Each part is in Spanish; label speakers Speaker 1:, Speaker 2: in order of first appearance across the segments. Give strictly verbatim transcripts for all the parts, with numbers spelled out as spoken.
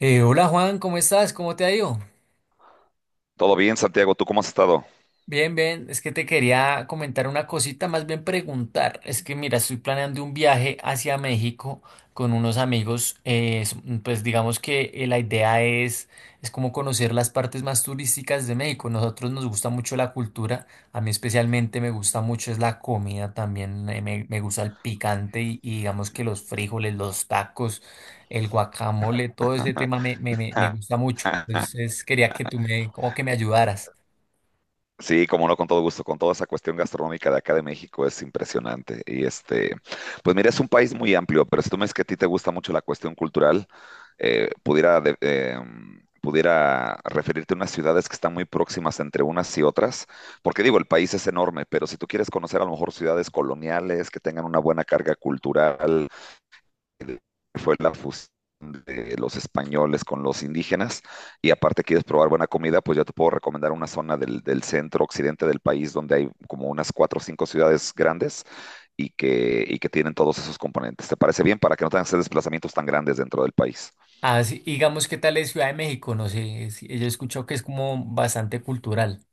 Speaker 1: Eh, hola, Juan, ¿cómo estás? ¿Cómo te ha ido?
Speaker 2: Todo bien, Santiago, ¿tú cómo has estado?
Speaker 1: Bien, bien, es que te quería comentar una cosita, más bien preguntar. Es que mira, estoy planeando un viaje hacia México con unos amigos. Eh, es- mm, pues digamos que eh, la idea es, es como conocer las partes más turísticas de México. Nosotros nos gusta mucho la cultura, a mí especialmente me gusta mucho es la comida también, eh, me, me gusta el picante y, y digamos que los frijoles, los tacos, el guacamole, todo ese tema me, me, me me gusta mucho. Entonces quería que tú me, como que me ayudaras.
Speaker 2: Sí, como no, con todo gusto, con toda esa cuestión gastronómica de acá de México es impresionante. Y este, pues mira, es un país muy amplio, pero si tú me dices que a ti te gusta mucho la cuestión cultural, eh, pudiera, de- em, pudiera referirte a unas ciudades que están muy próximas entre unas y otras, porque digo, el país es enorme, pero si tú quieres conocer a lo mejor ciudades coloniales que tengan una buena carga cultural, fue la fusión de los españoles con los indígenas. Y aparte quieres probar buena comida, pues yo te puedo recomendar una zona del, del centro occidente del país donde hay como unas cuatro o cinco ciudades grandes y que, y que tienen todos esos componentes. ¿Te parece bien para que no tengas esos desplazamientos tan grandes dentro del país?
Speaker 1: Ah, sí, digamos, ¿qué tal es Ciudad de México? No sé, es- yo he escuchado que es como bastante cultural.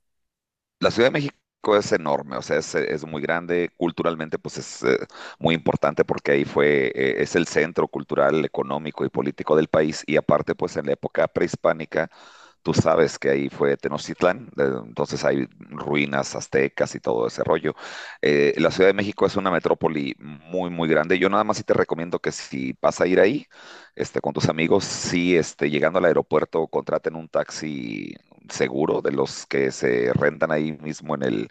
Speaker 2: La Ciudad de México es enorme, o sea, es, es muy grande. Culturalmente pues es eh, muy importante porque ahí fue, eh, es el centro cultural, económico y político del país, y aparte, pues, en la época prehispánica, tú sabes que ahí fue Tenochtitlán. Eh, entonces hay ruinas aztecas y todo ese rollo. Eh, la Ciudad de México es una metrópoli muy, muy grande. Yo nada más sí te recomiendo que si vas a ir ahí, este, con tus amigos, sí, este, llegando al aeropuerto, contraten un taxi seguro, de los que se rentan ahí mismo en el,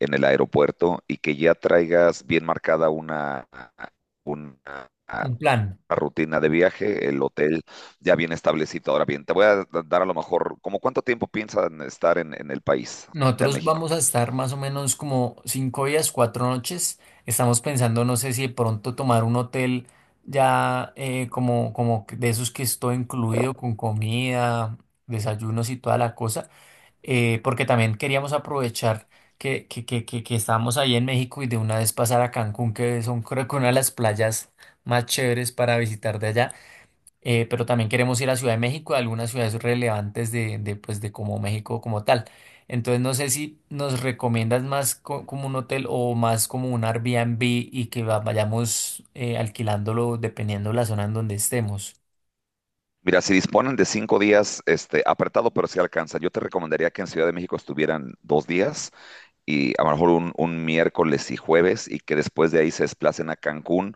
Speaker 2: en el aeropuerto, y que ya traigas bien marcada una, una,
Speaker 1: Un plan.
Speaker 2: rutina de viaje, el hotel ya bien establecido. Ahora bien, te voy a dar a lo mejor, ¿como cuánto tiempo piensan estar en, en el país? Acá en
Speaker 1: Nosotros vamos
Speaker 2: México.
Speaker 1: a estar más o menos como cinco días, cuatro noches. Estamos pensando, no sé si de pronto tomar un hotel ya eh, como, como que de esos que es todo incluido con comida, desayunos y toda la cosa, eh, porque también queríamos aprovechar que, que, que, que, que estábamos ahí en México y de una vez pasar a Cancún, que son creo que una de las playas más chéveres para visitar de allá. Eh, pero también queremos ir a Ciudad de México, a algunas ciudades relevantes de, de, pues, de como México como tal. Entonces no sé si nos recomiendas más co- como un hotel o más como un Airbnb y que va- vayamos eh, alquilándolo dependiendo la zona en donde estemos.
Speaker 2: Mira, si disponen de cinco días, este, apretado, pero si sí alcanza. Yo te recomendaría que en Ciudad de México estuvieran dos días, y a lo mejor un, un miércoles y jueves, y que después de ahí se desplacen a Cancún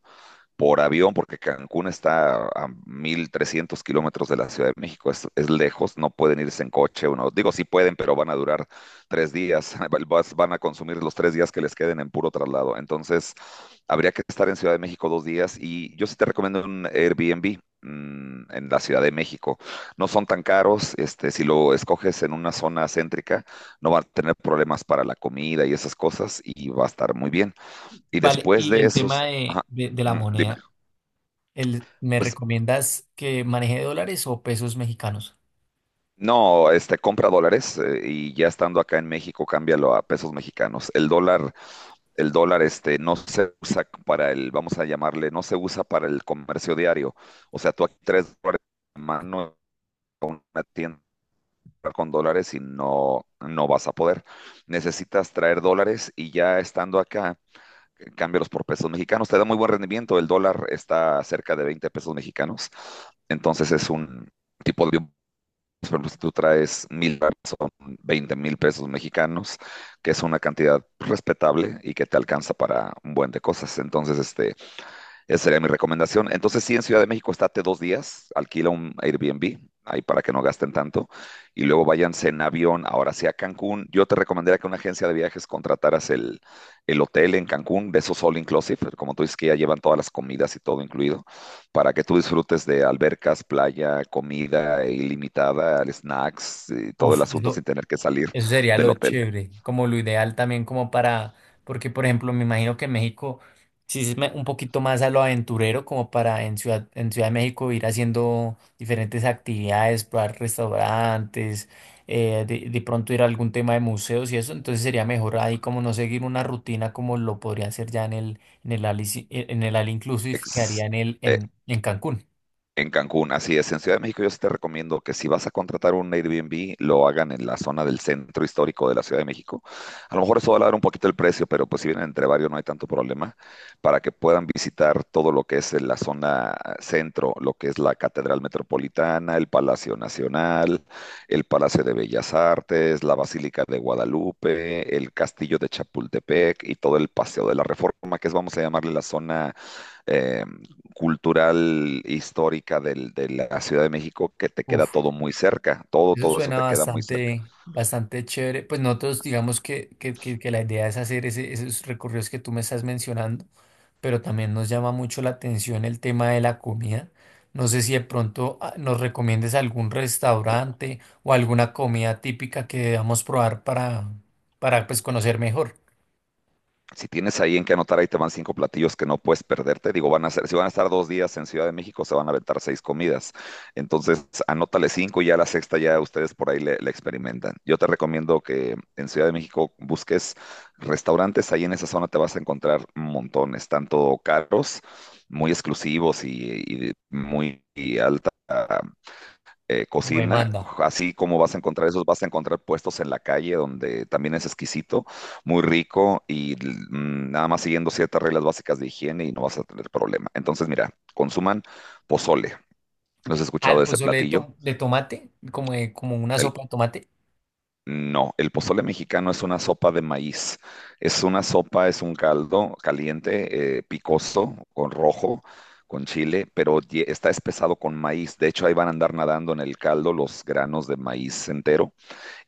Speaker 2: por avión, porque Cancún está a mil trescientos kilómetros de la Ciudad de México. Es, es lejos, no pueden irse en coche. Uno, digo, sí pueden, pero van a durar tres días. val- vas- van a consumir los tres días que les queden en puro traslado. Entonces, habría que estar en Ciudad de México dos días y yo sí te recomiendo un Airbnb mm, en la Ciudad de México. No son tan caros, este, si lo escoges en una zona céntrica, no va a tener problemas para la comida y esas cosas, y va a estar muy bien. Y
Speaker 1: Vale,
Speaker 2: después
Speaker 1: y
Speaker 2: de
Speaker 1: el
Speaker 2: esos,
Speaker 1: tema de,
Speaker 2: ajá,
Speaker 1: de, de la
Speaker 2: ujú, dime.
Speaker 1: moneda, el, ¿me
Speaker 2: Pues
Speaker 1: recomiendas que maneje dólares o pesos mexicanos?
Speaker 2: no, este, compra dólares eh, y ya estando acá en México, cámbialo a pesos mexicanos. El dólar, el dólar este no se usa para el, vamos a llamarle, no se usa para el comercio diario. O sea, tú aquí, tres dólares en la mano en una tienda con dólares, y no, no vas a poder. Necesitas traer dólares y ya estando acá, eh, cámbialos por pesos mexicanos. Te da muy buen rendimiento. El dólar está cerca de veinte pesos mexicanos. Entonces, es un tipo de, por ejemplo, si tú traes mil dólares, son 20 mil pesos mexicanos, que es una cantidad respetable y que te alcanza para un buen de cosas. Entonces, este, esa sería mi recomendación. Entonces, sí, en Ciudad de México estate dos días, alquila un Airbnb ahí para que no gasten tanto, y luego váyanse en avión ahora sí a Cancún. Yo te recomendaría que una agencia de viajes contrataras el, el hotel en Cancún, de esos all inclusive, como tú dices, que ya llevan todas las comidas y todo incluido, para que tú disfrutes de albercas, playa, comida e ilimitada, snacks y todo el
Speaker 1: Uf,
Speaker 2: asunto
Speaker 1: eso,
Speaker 2: sin tener que salir
Speaker 1: Eso sería
Speaker 2: del
Speaker 1: lo
Speaker 2: hotel.
Speaker 1: chévere, como lo ideal también como para, porque por ejemplo me imagino que México sí es me- un poquito más a lo aventurero como para en Ciudad, en Ciudad de México ir haciendo diferentes actividades, probar restaurantes, eh, de, de pronto ir a algún tema de museos y eso, entonces sería mejor ahí como no seguir una rutina como lo podría hacer ya en el, en el, Alici- en el All Inclusive que
Speaker 2: Ex-
Speaker 1: haría en el,
Speaker 2: eh,
Speaker 1: en, en Cancún.
Speaker 2: En Cancún, así es. En Ciudad de México yo sí te recomiendo que si vas a contratar un Airbnb, lo hagan en la zona del centro histórico de la Ciudad de México. A lo mejor eso va a elevar un poquito el precio, pero pues si vienen entre varios no hay tanto problema, para que puedan visitar todo lo que es en la zona centro, lo que es la Catedral Metropolitana, el Palacio Nacional, el Palacio de Bellas Artes, la Basílica de Guadalupe, el Castillo de Chapultepec y todo el Paseo de la Reforma, que es, vamos a llamarle, la zona eh, cultural histórica del- de la Ciudad de México, que te queda
Speaker 1: Uf.
Speaker 2: todo muy cerca, todo,
Speaker 1: Eso
Speaker 2: todo eso
Speaker 1: suena
Speaker 2: te queda muy cerca.
Speaker 1: bastante, bastante chévere. Pues nosotros digamos que, que, que- que la idea es hacer ese- esos recorridos que tú me estás mencionando, pero también nos llama mucho la atención el tema de la comida. No sé si de pronto ah, nos recomiendes algún restaurante o alguna comida típica que debamos probar para, para pues, conocer mejor,
Speaker 2: Si tienes ahí en qué anotar, ahí te van cinco platillos que no puedes perderte. Digo, van a ser, si van a estar dos días en Ciudad de México, se van a aventar seis comidas. Entonces, anótale cinco y ya la sexta ya ustedes por ahí le, le experimentan. Yo te recomiendo que en Ciudad de México busques restaurantes. Ahí en esa zona te vas a encontrar montones, tanto caros, muy exclusivos y, y muy y alta eh,
Speaker 1: como
Speaker 2: cocina,
Speaker 1: demanda.
Speaker 2: así como vas a encontrar esos, vas a encontrar puestos en la calle donde también es exquisito, muy rico, y mm, nada más siguiendo ciertas reglas básicas de higiene, y no vas a tener problema. Entonces, mira, consuman pozole. ¿No has escuchado
Speaker 1: Al
Speaker 2: de ese
Speaker 1: pozole de,
Speaker 2: platillo?
Speaker 1: tom- de tomate, como, de- como una
Speaker 2: El-
Speaker 1: sopa de tomate.
Speaker 2: no, el pozole mexicano es una sopa de maíz. Es una sopa, es un caldo caliente, eh, picoso, con rojo, con chile, pero ye- está espesado con maíz. De hecho, ahí van a andar nadando en el caldo los granos de maíz entero.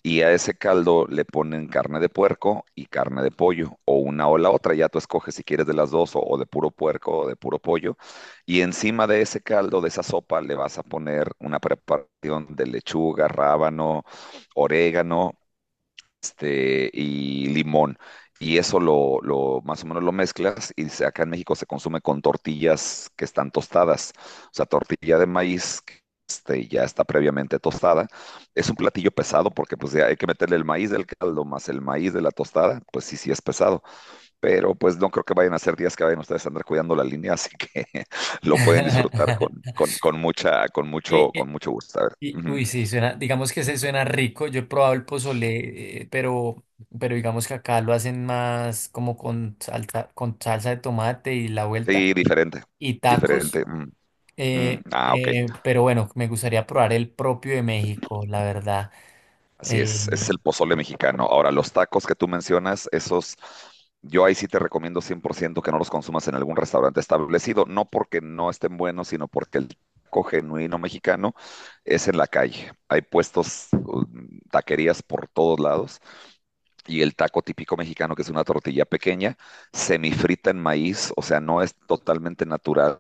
Speaker 2: Y a ese caldo le ponen carne de puerco y carne de pollo, o una o la otra, ya tú escoges si quieres de las dos, o, o de puro puerco o de puro pollo. Y encima de ese caldo, de esa sopa, le vas a poner una preparación de lechuga, rábano, orégano, este, y limón. Y eso lo, lo- más o menos lo mezclas y se- acá en México se consume con tortillas que están tostadas. O sea, tortilla de maíz que, este, ya está previamente tostada. Es un platillo pesado, porque pues ya hay que meterle el maíz del caldo más el maíz de la tostada. Pues sí, sí es pesado. Pero pues no creo que vayan a ser días que vayan ustedes a andar cuidando la línea, así que lo pueden disfrutar con, con, con mucha, con mucho,
Speaker 1: Eh,
Speaker 2: con
Speaker 1: eh,
Speaker 2: mucho gusto. A ver.
Speaker 1: Y,
Speaker 2: Ujú.
Speaker 1: uy, sí, suena, digamos que se suena rico. Yo he probado el pozole, eh, pero, pero digamos que acá lo hacen más como con salsa, con salsa de tomate y la
Speaker 2: Sí,
Speaker 1: vuelta
Speaker 2: diferente,
Speaker 1: y tacos.
Speaker 2: diferente. Mm, mm,
Speaker 1: Eh,
Speaker 2: ah, ok.
Speaker 1: eh, pero bueno, me gustaría probar el propio de México, la verdad.
Speaker 2: Así es, ese
Speaker 1: Eh,
Speaker 2: es el pozole mexicano. Ahora, los tacos que tú mencionas, esos, yo ahí sí te recomiendo cien por ciento que no los consumas en algún restaurante establecido, no porque no estén buenos, sino porque el taco genuino mexicano es en la calle. Hay puestos, um, taquerías por todos lados, y el taco típico mexicano, que es una tortilla pequeña, semifrita en maíz, o sea, no es totalmente natural,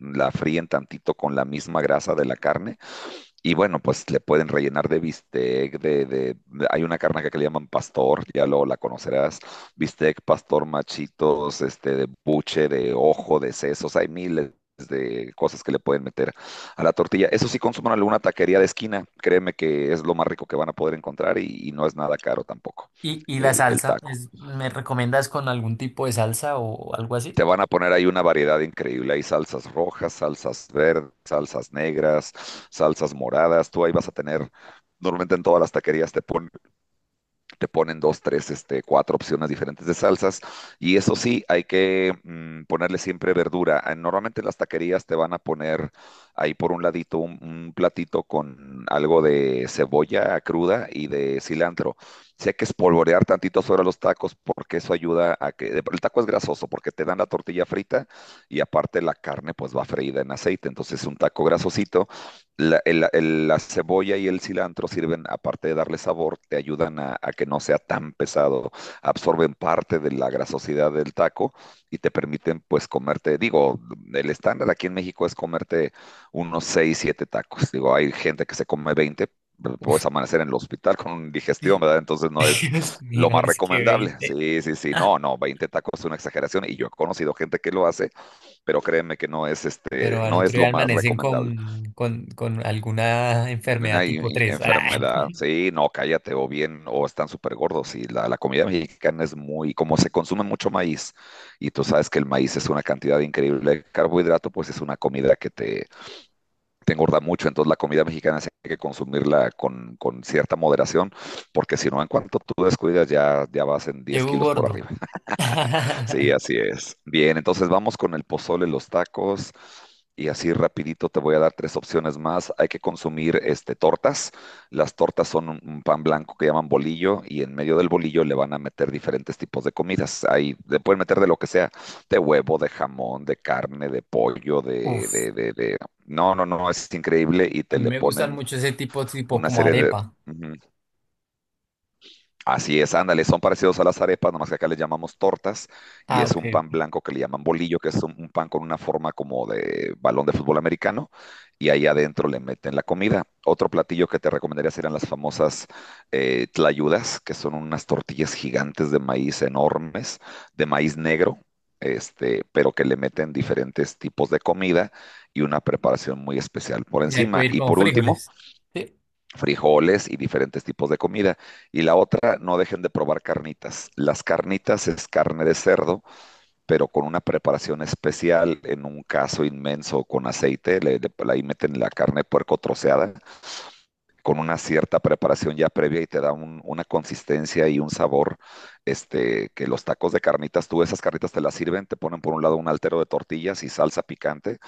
Speaker 2: la fríen tantito con la misma grasa de la carne, y bueno, pues le pueden rellenar de bistec, de, de- de- hay una carne acá que le llaman pastor, ya luego la conocerás, bistec, pastor, machitos, este, de buche, de ojo, de sesos, hay miles de cosas que le pueden meter a la tortilla. Eso sí, consuman alguna taquería de esquina, créeme que es lo más rico que van a poder encontrar, y, y no es nada caro tampoco
Speaker 1: y, y la
Speaker 2: el, el
Speaker 1: salsa,
Speaker 2: taco.
Speaker 1: es- ¿me recomiendas con algún tipo de salsa o algo así?
Speaker 2: Te van a poner ahí una variedad increíble. Hay salsas rojas, salsas verdes, salsas negras, salsas moradas. Tú ahí vas a tener, normalmente en todas las taquerías te ponen te ponen dos, tres, este, cuatro opciones diferentes de salsas. Y eso sí, hay que mm, ponerle siempre verdura. Eh, Normalmente en las taquerías te van a poner ahí por un ladito un, un platito con algo de cebolla cruda y de cilantro. Sí hay que espolvorear tantito sobre los tacos, porque eso ayuda a que... El taco es grasoso porque te dan la tortilla frita y aparte la carne pues va freída en aceite. Entonces es un taco grasosito. La, el- el- la cebolla y el cilantro sirven, aparte de darle sabor, te ayudan a, a que no sea tan pesado, absorben parte de la grasosidad del taco, y te permiten pues comerte, digo, el estándar aquí en México es comerte unos seis siete tacos. Digo, hay gente que se come veinte, pero puedes amanecer en el hospital con digestión,
Speaker 1: Sí.
Speaker 2: ¿verdad? Entonces no es
Speaker 1: Dios
Speaker 2: lo
Speaker 1: mío,
Speaker 2: más
Speaker 1: es que
Speaker 2: recomendable.
Speaker 1: veinte.
Speaker 2: Sí, sí, sí, no, no, veinte tacos es una exageración, y yo he conocido gente que lo hace, pero créeme que no es, este,
Speaker 1: Pero al
Speaker 2: no
Speaker 1: otro
Speaker 2: es lo
Speaker 1: día
Speaker 2: más
Speaker 1: amanecen
Speaker 2: recomendable.
Speaker 1: con, con, con alguna enfermedad
Speaker 2: Una
Speaker 1: tipo
Speaker 2: i-
Speaker 1: tres. ¡Ah!
Speaker 2: enfermedad, sí, no, cállate, o bien, o están súper gordos. Y la, la comida mexicana es muy, como se consume mucho maíz, y tú sabes que el maíz es una cantidad increíble de carbohidrato, pues es una comida que te, te engorda mucho. Entonces, la comida mexicana sí hay que consumirla con, con cierta moderación, porque si no, en cuanto tú descuidas, ya, ya vas en diez
Speaker 1: Llego
Speaker 2: kilos por
Speaker 1: gordo.
Speaker 2: arriba. Sí, así es. Bien, entonces vamos con el pozole, los tacos, y así rapidito te voy a dar tres opciones más. Hay que consumir, este, tortas. Las tortas son un, un pan blanco que llaman bolillo, y en medio del bolillo le van a meter diferentes tipos de comidas. Ahí le pueden meter de lo que sea, de huevo, de jamón, de carne, de pollo, de,
Speaker 1: Uf,
Speaker 2: de, de, de- no, no, no, es increíble, y
Speaker 1: a
Speaker 2: te
Speaker 1: mí
Speaker 2: le
Speaker 1: me gustan
Speaker 2: ponen
Speaker 1: mucho ese tipo, tipo
Speaker 2: una
Speaker 1: como
Speaker 2: serie de...
Speaker 1: arepa.
Speaker 2: Ujú. Así es, ándale, son parecidos a las arepas, nomás que acá les llamamos tortas, y
Speaker 1: Ah,
Speaker 2: es
Speaker 1: ok.
Speaker 2: un pan blanco que le llaman bolillo, que es un, un pan con una forma como de balón de fútbol americano, y ahí adentro le meten la comida. Otro platillo que te recomendaría serían las famosas eh, tlayudas, que son unas tortillas gigantes de maíz enormes, de maíz negro, este, pero que le meten diferentes tipos de comida y una preparación muy especial por
Speaker 1: Y ahí
Speaker 2: encima.
Speaker 1: puede ir
Speaker 2: Y
Speaker 1: con
Speaker 2: por último,
Speaker 1: frijoles. Sí.
Speaker 2: frijoles y diferentes tipos de comida. Y la otra, no dejen de probar carnitas. Las carnitas es carne de cerdo, pero con una preparación especial, en un caso inmenso con aceite, le, le- ahí meten la carne de puerco troceada, con una cierta preparación ya previa, y te da un- una consistencia y un sabor, este, que los tacos de carnitas, tú esas carnitas te las sirven, te ponen por un lado un altero de tortillas y salsa picante,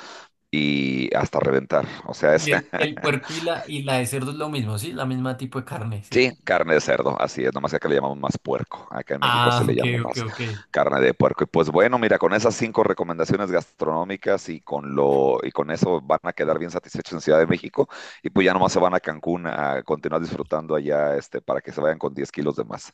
Speaker 2: y hasta reventar. O sea, es...
Speaker 1: Y el, el puerco y la, y la de cerdo es lo mismo, ¿sí? La misma tipo de carne, ¿sí?
Speaker 2: Sí, carne de cerdo, así es, nomás que acá le llamamos más puerco, acá en México se
Speaker 1: Ah,
Speaker 2: le
Speaker 1: ok,
Speaker 2: llama
Speaker 1: ok,
Speaker 2: más
Speaker 1: ok.
Speaker 2: carne de puerco. Y pues bueno, mira, con esas cinco recomendaciones gastronómicas y con lo, y con eso van a quedar bien satisfechos en Ciudad de México, y pues ya nomás se van a Cancún a continuar disfrutando allá, este, para que se vayan con diez kilos de más.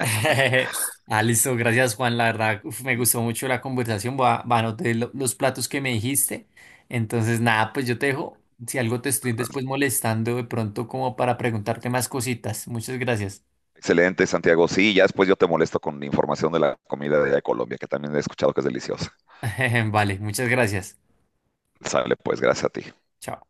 Speaker 1: Ah, listo, gracias, Juan, la verdad uf, me gustó mucho la conversación, voy a, voy a anotar lo- los platos que me dijiste, entonces nada, pues yo te dejo, si algo te estoy después molestando de pronto como para preguntarte más cositas, muchas gracias,
Speaker 2: Excelente, Santiago. Sí, ya después yo te molesto con información de la comida de allá de Colombia, que también he escuchado que es deliciosa.
Speaker 1: vale, muchas gracias.
Speaker 2: Sale, pues, gracias a ti.
Speaker 1: Chao.